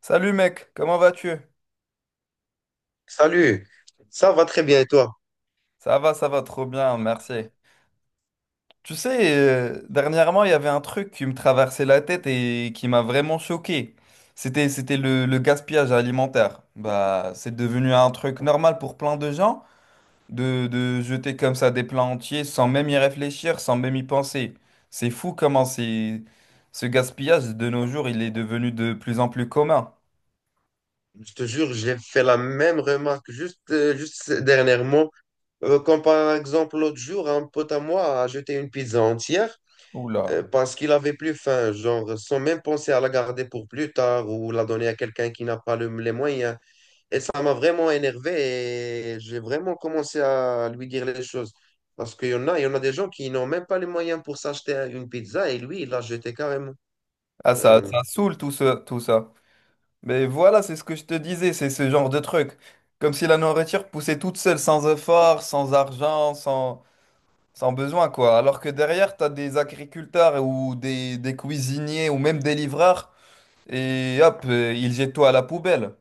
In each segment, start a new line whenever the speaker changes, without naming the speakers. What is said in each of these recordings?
Salut mec, comment vas-tu?
Salut, ça va très bien et toi?
Ça va trop bien, merci. Tu sais, dernièrement, il y avait un truc qui me traversait la tête et qui m'a vraiment choqué. C'était le gaspillage alimentaire. Bah, c'est devenu un truc normal pour plein de gens de jeter comme ça des plats entiers sans même y réfléchir, sans même y penser. C'est fou comment c'est, ce gaspillage de nos jours, il est devenu de plus en plus commun.
Je te jure, j'ai fait la même remarque juste dernièrement. Comme par exemple l'autre jour, un pote à moi a jeté une pizza entière
Oula.
parce qu'il avait plus faim, genre sans même penser à la garder pour plus tard ou la donner à quelqu'un qui n'a pas les moyens. Et ça m'a vraiment énervé et j'ai vraiment commencé à lui dire les choses. Parce qu'il y en a des gens qui n'ont même pas les moyens pour s'acheter une pizza et lui, il l'a jeté carrément.
Ah, ça,
Euh,
ça saoule tout ça, tout ça. Mais voilà, c'est ce que je te disais, c'est ce genre de truc. Comme si la nourriture poussait toute seule, sans effort, sans argent, sans, sans besoin, quoi. Alors que derrière, t'as des agriculteurs ou des cuisiniers ou même des livreurs, et hop, ils jettent tout à la poubelle.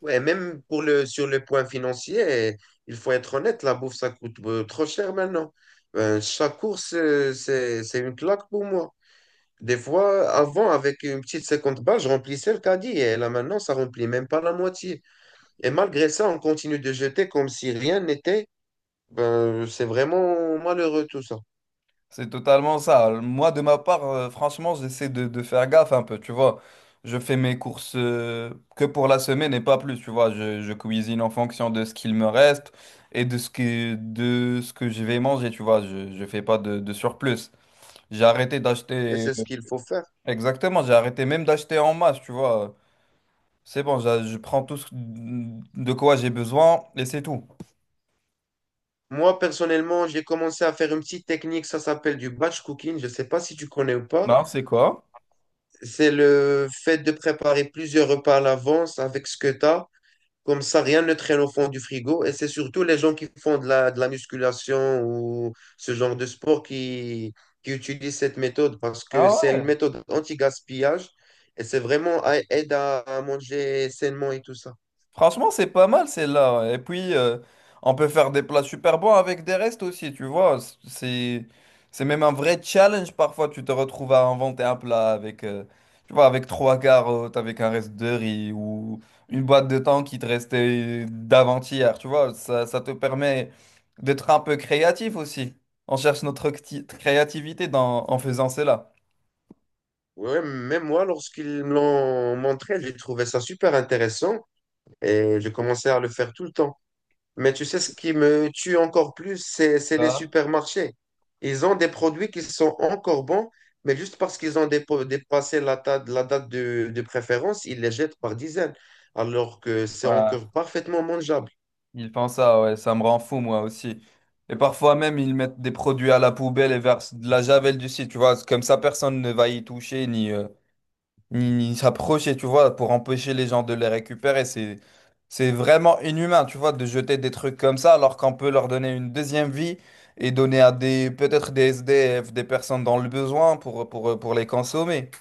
Ouais, même sur le point financier, il faut être honnête, la bouffe, ça coûte trop cher maintenant. Chaque course, c'est une claque pour moi. Des fois, avant, avec une petite 50 balles, je remplissais le caddie. Et là, maintenant, ça remplit même pas la moitié. Et malgré ça, on continue de jeter comme si rien n'était. Ben, c'est vraiment malheureux tout ça.
C'est totalement ça. Moi, de ma part, franchement, j'essaie de faire gaffe un peu, tu vois. Je fais mes courses que pour la semaine et pas plus, tu vois. Je cuisine en fonction de ce qu'il me reste et de ce que je vais manger, tu vois. Je fais pas de surplus. J'ai arrêté
Et
d'acheter...
c'est ce qu'il faut faire.
Exactement, j'ai arrêté même d'acheter en masse, tu vois. C'est bon, je prends tout ce de quoi j'ai besoin et c'est tout.
Moi, personnellement, j'ai commencé à faire une petite technique, ça s'appelle du batch cooking. Je ne sais pas si tu connais ou pas.
Non, c'est quoi?
C'est le fait de préparer plusieurs repas à l'avance avec ce que tu as. Comme ça, rien ne traîne au fond du frigo. Et c'est surtout les gens qui font de la musculation ou ce genre de sport qui utilisent cette méthode parce que
Ah
c'est une
ouais?
méthode anti-gaspillage et c'est vraiment aide à manger sainement et tout ça.
Franchement, c'est pas mal celle-là. Ouais. Et puis, on peut faire des plats super bons avec des restes aussi, tu vois. C'est, c'est même un vrai challenge parfois. Tu te retrouves à inventer un plat avec, tu vois, avec trois carottes, avec un reste de riz ou une boîte de thon qui te restait d'avant-hier, tu vois. Ça te permet d'être un peu créatif aussi. On cherche notre créativité dans, en faisant cela.
Ouais, même moi, lorsqu'ils me l'ont montré, j'ai trouvé ça super intéressant et j'ai commencé à le faire tout le temps. Mais tu sais, ce qui me tue encore plus, c'est
Tu
les
vois.
supermarchés. Ils ont des produits qui sont encore bons, mais juste parce qu'ils ont dépassé la date de préférence, ils les jettent par dizaines, alors que c'est
Ouais.
encore parfaitement mangeable.
Ils font ça, ouais, ça me rend fou moi aussi. Et parfois même, ils mettent des produits à la poubelle et versent de la javel dessus, tu vois. C'est comme ça, personne ne va y toucher ni ni, ni s'approcher, tu vois, pour empêcher les gens de les récupérer. C'est vraiment inhumain, tu vois, de jeter des trucs comme ça alors qu'on peut leur donner une deuxième vie et donner à des peut-être des SDF, des personnes dans le besoin pour les consommer.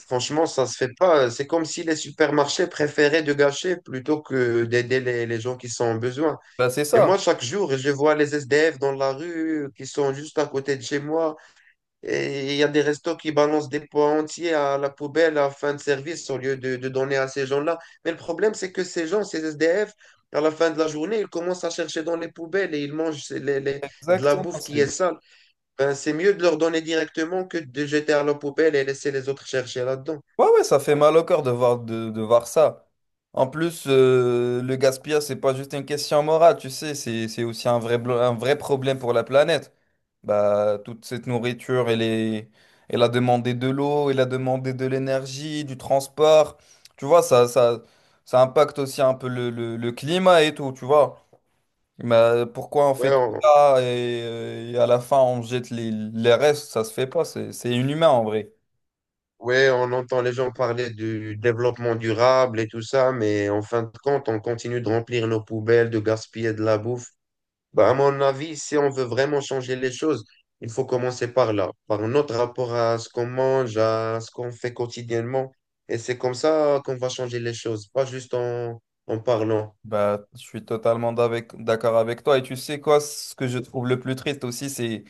Franchement, ça se fait pas. C'est comme si les supermarchés préféraient de gâcher plutôt que d'aider les gens qui sont en besoin.
Bah, c'est
Et moi,
ça.
chaque jour, je vois les SDF dans la rue qui sont juste à côté de chez moi. Et il y a des restos qui balancent des pois entiers à la poubelle à fin de service au lieu de donner à ces gens-là. Mais le problème, c'est que ces gens, ces SDF, à la fin de la journée, ils commencent à chercher dans les poubelles et ils mangent de la
Exactement,
bouffe qui
c'est.
est sale. Ben, c'est mieux de leur donner directement que de jeter à la poubelle et laisser les autres chercher là-dedans.
Ouais, ouais, ça fait mal au cœur de voir ça. En plus, le gaspillage, c'est pas juste une question morale, tu sais, c'est aussi un vrai, un vrai problème pour la planète. Bah, toute cette nourriture, elle est, elle a demandé de l'eau, elle a demandé de l'énergie, du transport. Tu vois, ça impacte aussi un peu le climat et tout, tu vois. Mais pourquoi on
Ouais,
fait tout
on,
ça et à la fin, on jette les restes, ça se fait pas, c'est inhumain en vrai.
ouais, on entend les gens parler du développement durable et tout ça, mais en fin de compte, on continue de remplir nos poubelles, de gaspiller de la bouffe. Bah, à mon avis, si on veut vraiment changer les choses, il faut commencer par là, par notre rapport à ce qu'on mange, à ce qu'on fait quotidiennement. Et c'est comme ça qu'on va changer les choses, pas juste en parlant.
Bah, je suis totalement d'accord avec toi. Et tu sais quoi, ce que je trouve le plus triste aussi,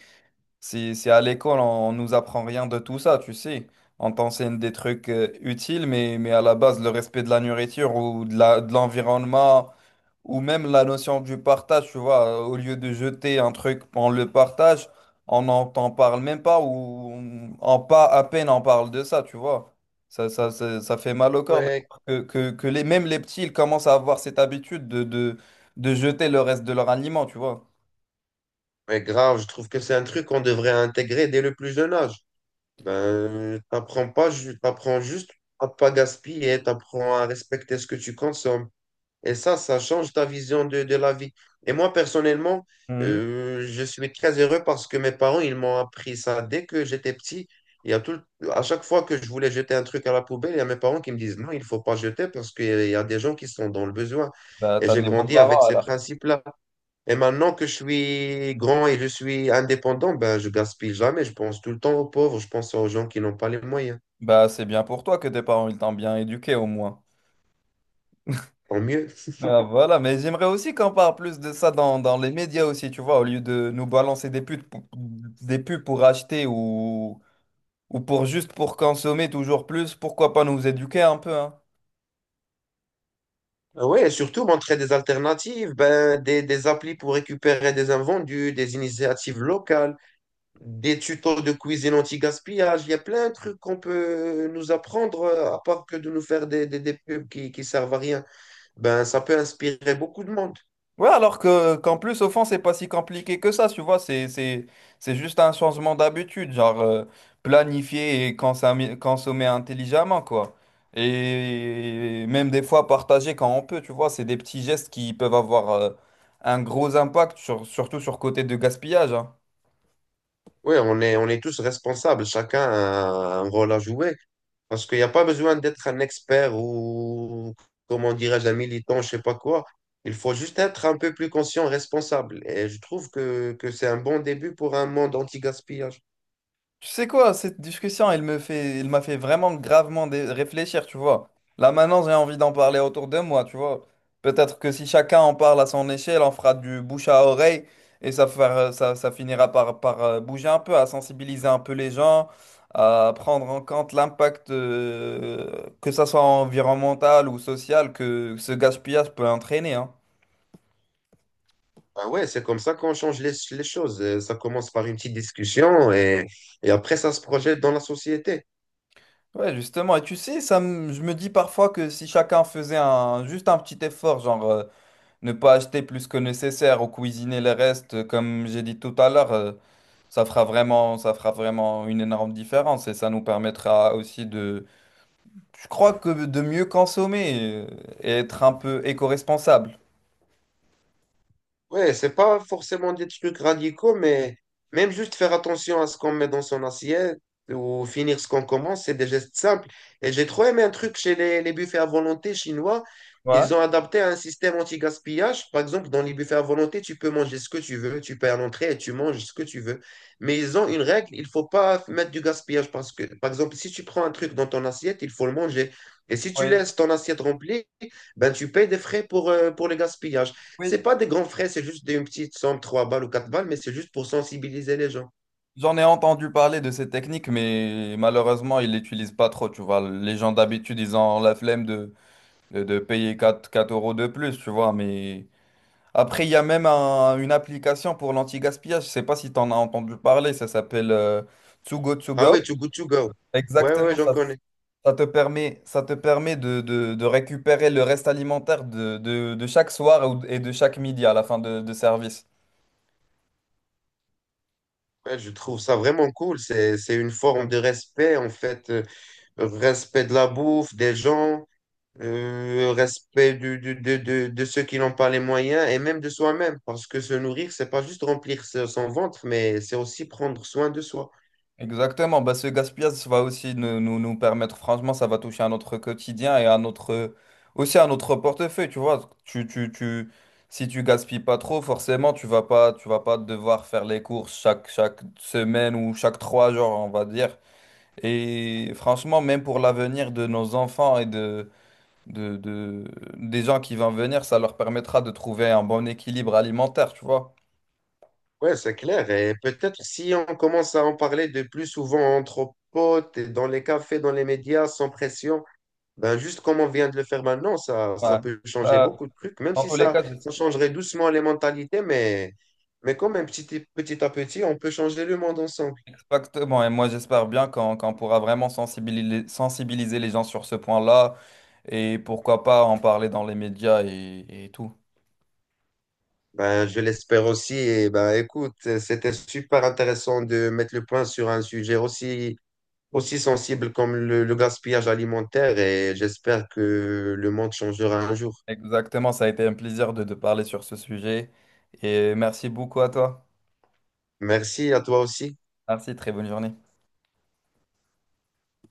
c'est à l'école, on nous apprend rien de tout ça, tu sais. On t'enseigne des trucs utiles, mais à la base, le respect de la nourriture ou de la, de l'environnement, ou même la notion du partage, tu vois, au lieu de jeter un truc, on le partage, on n'en t'en parle même pas ou on, en pas à peine on parle de ça, tu vois. Ça fait mal au corps de
Ouais,
voir que les, même les petits, ils commencent à avoir cette habitude de jeter le reste de leur aliment, tu vois.
mais grave, je trouve que c'est un truc qu'on devrait intégrer dès le plus jeune âge. Ben, t'apprends pas, t'apprends juste à pas gaspiller, t'apprends à respecter ce que tu consommes. Et ça change ta vision de la vie. Et moi, personnellement,
Mhm.
je suis très heureux parce que mes parents, ils m'ont appris ça dès que j'étais petit. Il y a tout, à chaque fois que je voulais jeter un truc à la poubelle, il y a mes parents qui me disent non, il ne faut pas jeter parce qu'il y a des gens qui sont dans le besoin.
Bah,
Et
t'as
j'ai
des
grandi avec
beaux-parents
ces
alors.
principes-là. Et maintenant que je suis grand et je suis indépendant, ben, je gaspille jamais. Je pense tout le temps aux pauvres, je pense aux gens qui n'ont pas les moyens.
Bah, c'est bien pour toi que tes parents, ils t'ont bien éduqué au moins.
Tant mieux.
Ah, voilà, mais j'aimerais aussi qu'on parle plus de ça dans, dans les médias aussi, tu vois, au lieu de nous balancer des pubs, des pubs pour acheter ou pour juste pour consommer toujours plus, pourquoi pas nous éduquer un peu, hein.
Oui, et surtout montrer des alternatives, ben, des applis pour récupérer des invendus, des initiatives locales, des tutos de cuisine anti-gaspillage. Il y a plein de trucs qu'on peut nous apprendre, à part que de nous faire des pubs qui servent à rien. Ben, ça peut inspirer beaucoup de monde.
Ouais, alors que qu'en plus, au fond, c'est pas si compliqué que ça, tu vois, c'est juste un changement d'habitude, genre planifier et consommer, consommer intelligemment, quoi. Et même des fois partager quand on peut, tu vois, c'est des petits gestes qui peuvent avoir un gros impact, surtout sur côté de gaspillage, hein.
Oui, on est tous responsables, chacun a un rôle à jouer. Parce qu'il n'y a pas besoin d'être un expert ou, comment dirais-je, un militant, je sais pas quoi. Il faut juste être un peu plus conscient, responsable. Et je trouve que c'est un bon début pour un monde anti-gaspillage.
Tu sais quoi, cette discussion, elle me fait, elle m'a fait vraiment gravement réfléchir, tu vois. Là maintenant, j'ai envie d'en parler autour de moi, tu vois. Peut-être que si chacun en parle à son échelle, on fera du bouche à oreille et ça, ça, ça finira par, par bouger un peu, à sensibiliser un peu les gens, à prendre en compte l'impact, que ça soit environnemental ou social, que ce gaspillage peut entraîner, hein.
Ah ouais, c'est comme ça qu'on change les choses. Ça commence par une petite discussion et après, ça se projette dans la société.
Ouais, justement. Et tu sais, ça, je me dis parfois que si chacun faisait un, juste un petit effort, genre. Ne pas acheter plus que nécessaire ou cuisiner les restes, comme j'ai dit tout à l'heure, ça fera vraiment une énorme différence et ça nous permettra aussi de, je crois que de mieux consommer et être un peu éco-responsable.
Ouais, c'est pas forcément des trucs radicaux, mais même juste faire attention à ce qu'on met dans son assiette ou finir ce qu'on commence, c'est des gestes simples. Et j'ai trop aimé un truc chez les buffets à volonté chinois. Ils ont
Ouais.
adapté un système anti-gaspillage. Par exemple, dans les buffets à volonté, tu peux manger ce que tu veux. Tu payes à l'entrée et tu manges ce que tu veux. Mais ils ont une règle, il faut pas mettre du gaspillage parce que, par exemple, si tu prends un truc dans ton assiette, il faut le manger. Et si tu
Oui.
laisses ton assiette remplie, ben, tu payes des frais pour le gaspillage.
Oui.
C'est pas des grands frais, c'est juste une petite somme, 3 balles ou 4 balles, mais c'est juste pour sensibiliser les gens.
J'en ai entendu parler de ces techniques, mais malheureusement, ils l'utilisent pas trop, tu vois. Les gens d'habitude, ils ont la flemme de payer 4 4 euros de plus, tu vois, mais. Après, il y a même une application pour l'anti-gaspillage. Je ne sais pas si tu en as entendu parler. Ça s'appelle To Go To
Ah oui,
Go.
Too Good To Go. Ouais, ouais,
Exactement,
j'en
ça,
connais.
ça te permet de, de récupérer le reste alimentaire de, de chaque soir et de chaque midi à la fin de service.
Ouais, je trouve ça vraiment cool. C'est une forme de respect, en fait. Respect de la bouffe, des gens, respect de ceux qui n'ont pas les moyens et même de soi-même. Parce que se nourrir, c'est pas juste remplir son ventre, mais c'est aussi prendre soin de soi.
Exactement, bah, ce gaspillage ça va aussi nous, nous, nous permettre, franchement, ça va toucher à notre quotidien et à notre, aussi à notre portefeuille, tu vois. Tu, si tu gaspilles pas trop, forcément, tu vas pas devoir faire les courses chaque, chaque semaine ou chaque trois jours, on va dire. Et franchement, même pour l'avenir de nos enfants et de, des gens qui vont venir, ça leur permettra de trouver un bon équilibre alimentaire, tu vois.
Ouais, c'est clair. Et peut-être si on commence à en parler de plus souvent entre potes, et dans les cafés, dans les médias, sans pression, ben juste comme on vient de le faire maintenant, ça
Ouais.
peut changer
Bah,
beaucoup de trucs, même
dans
si
tous les
ça,
cas,
ça changerait doucement les mentalités, mais quand même petit à petit, on peut changer le monde ensemble.
exactement, et moi j'espère bien qu'on qu'on pourra vraiment sensibiliser, sensibiliser les gens sur ce point-là et pourquoi pas en parler dans les médias et tout.
Ben, je l'espère aussi. Et ben, écoute, c'était super intéressant de mettre le point sur un sujet aussi, aussi sensible comme le gaspillage alimentaire et j'espère que le monde changera un jour.
Exactement, ça a été un plaisir de parler sur ce sujet et merci beaucoup à toi.
Merci à toi aussi.
Merci, très bonne journée.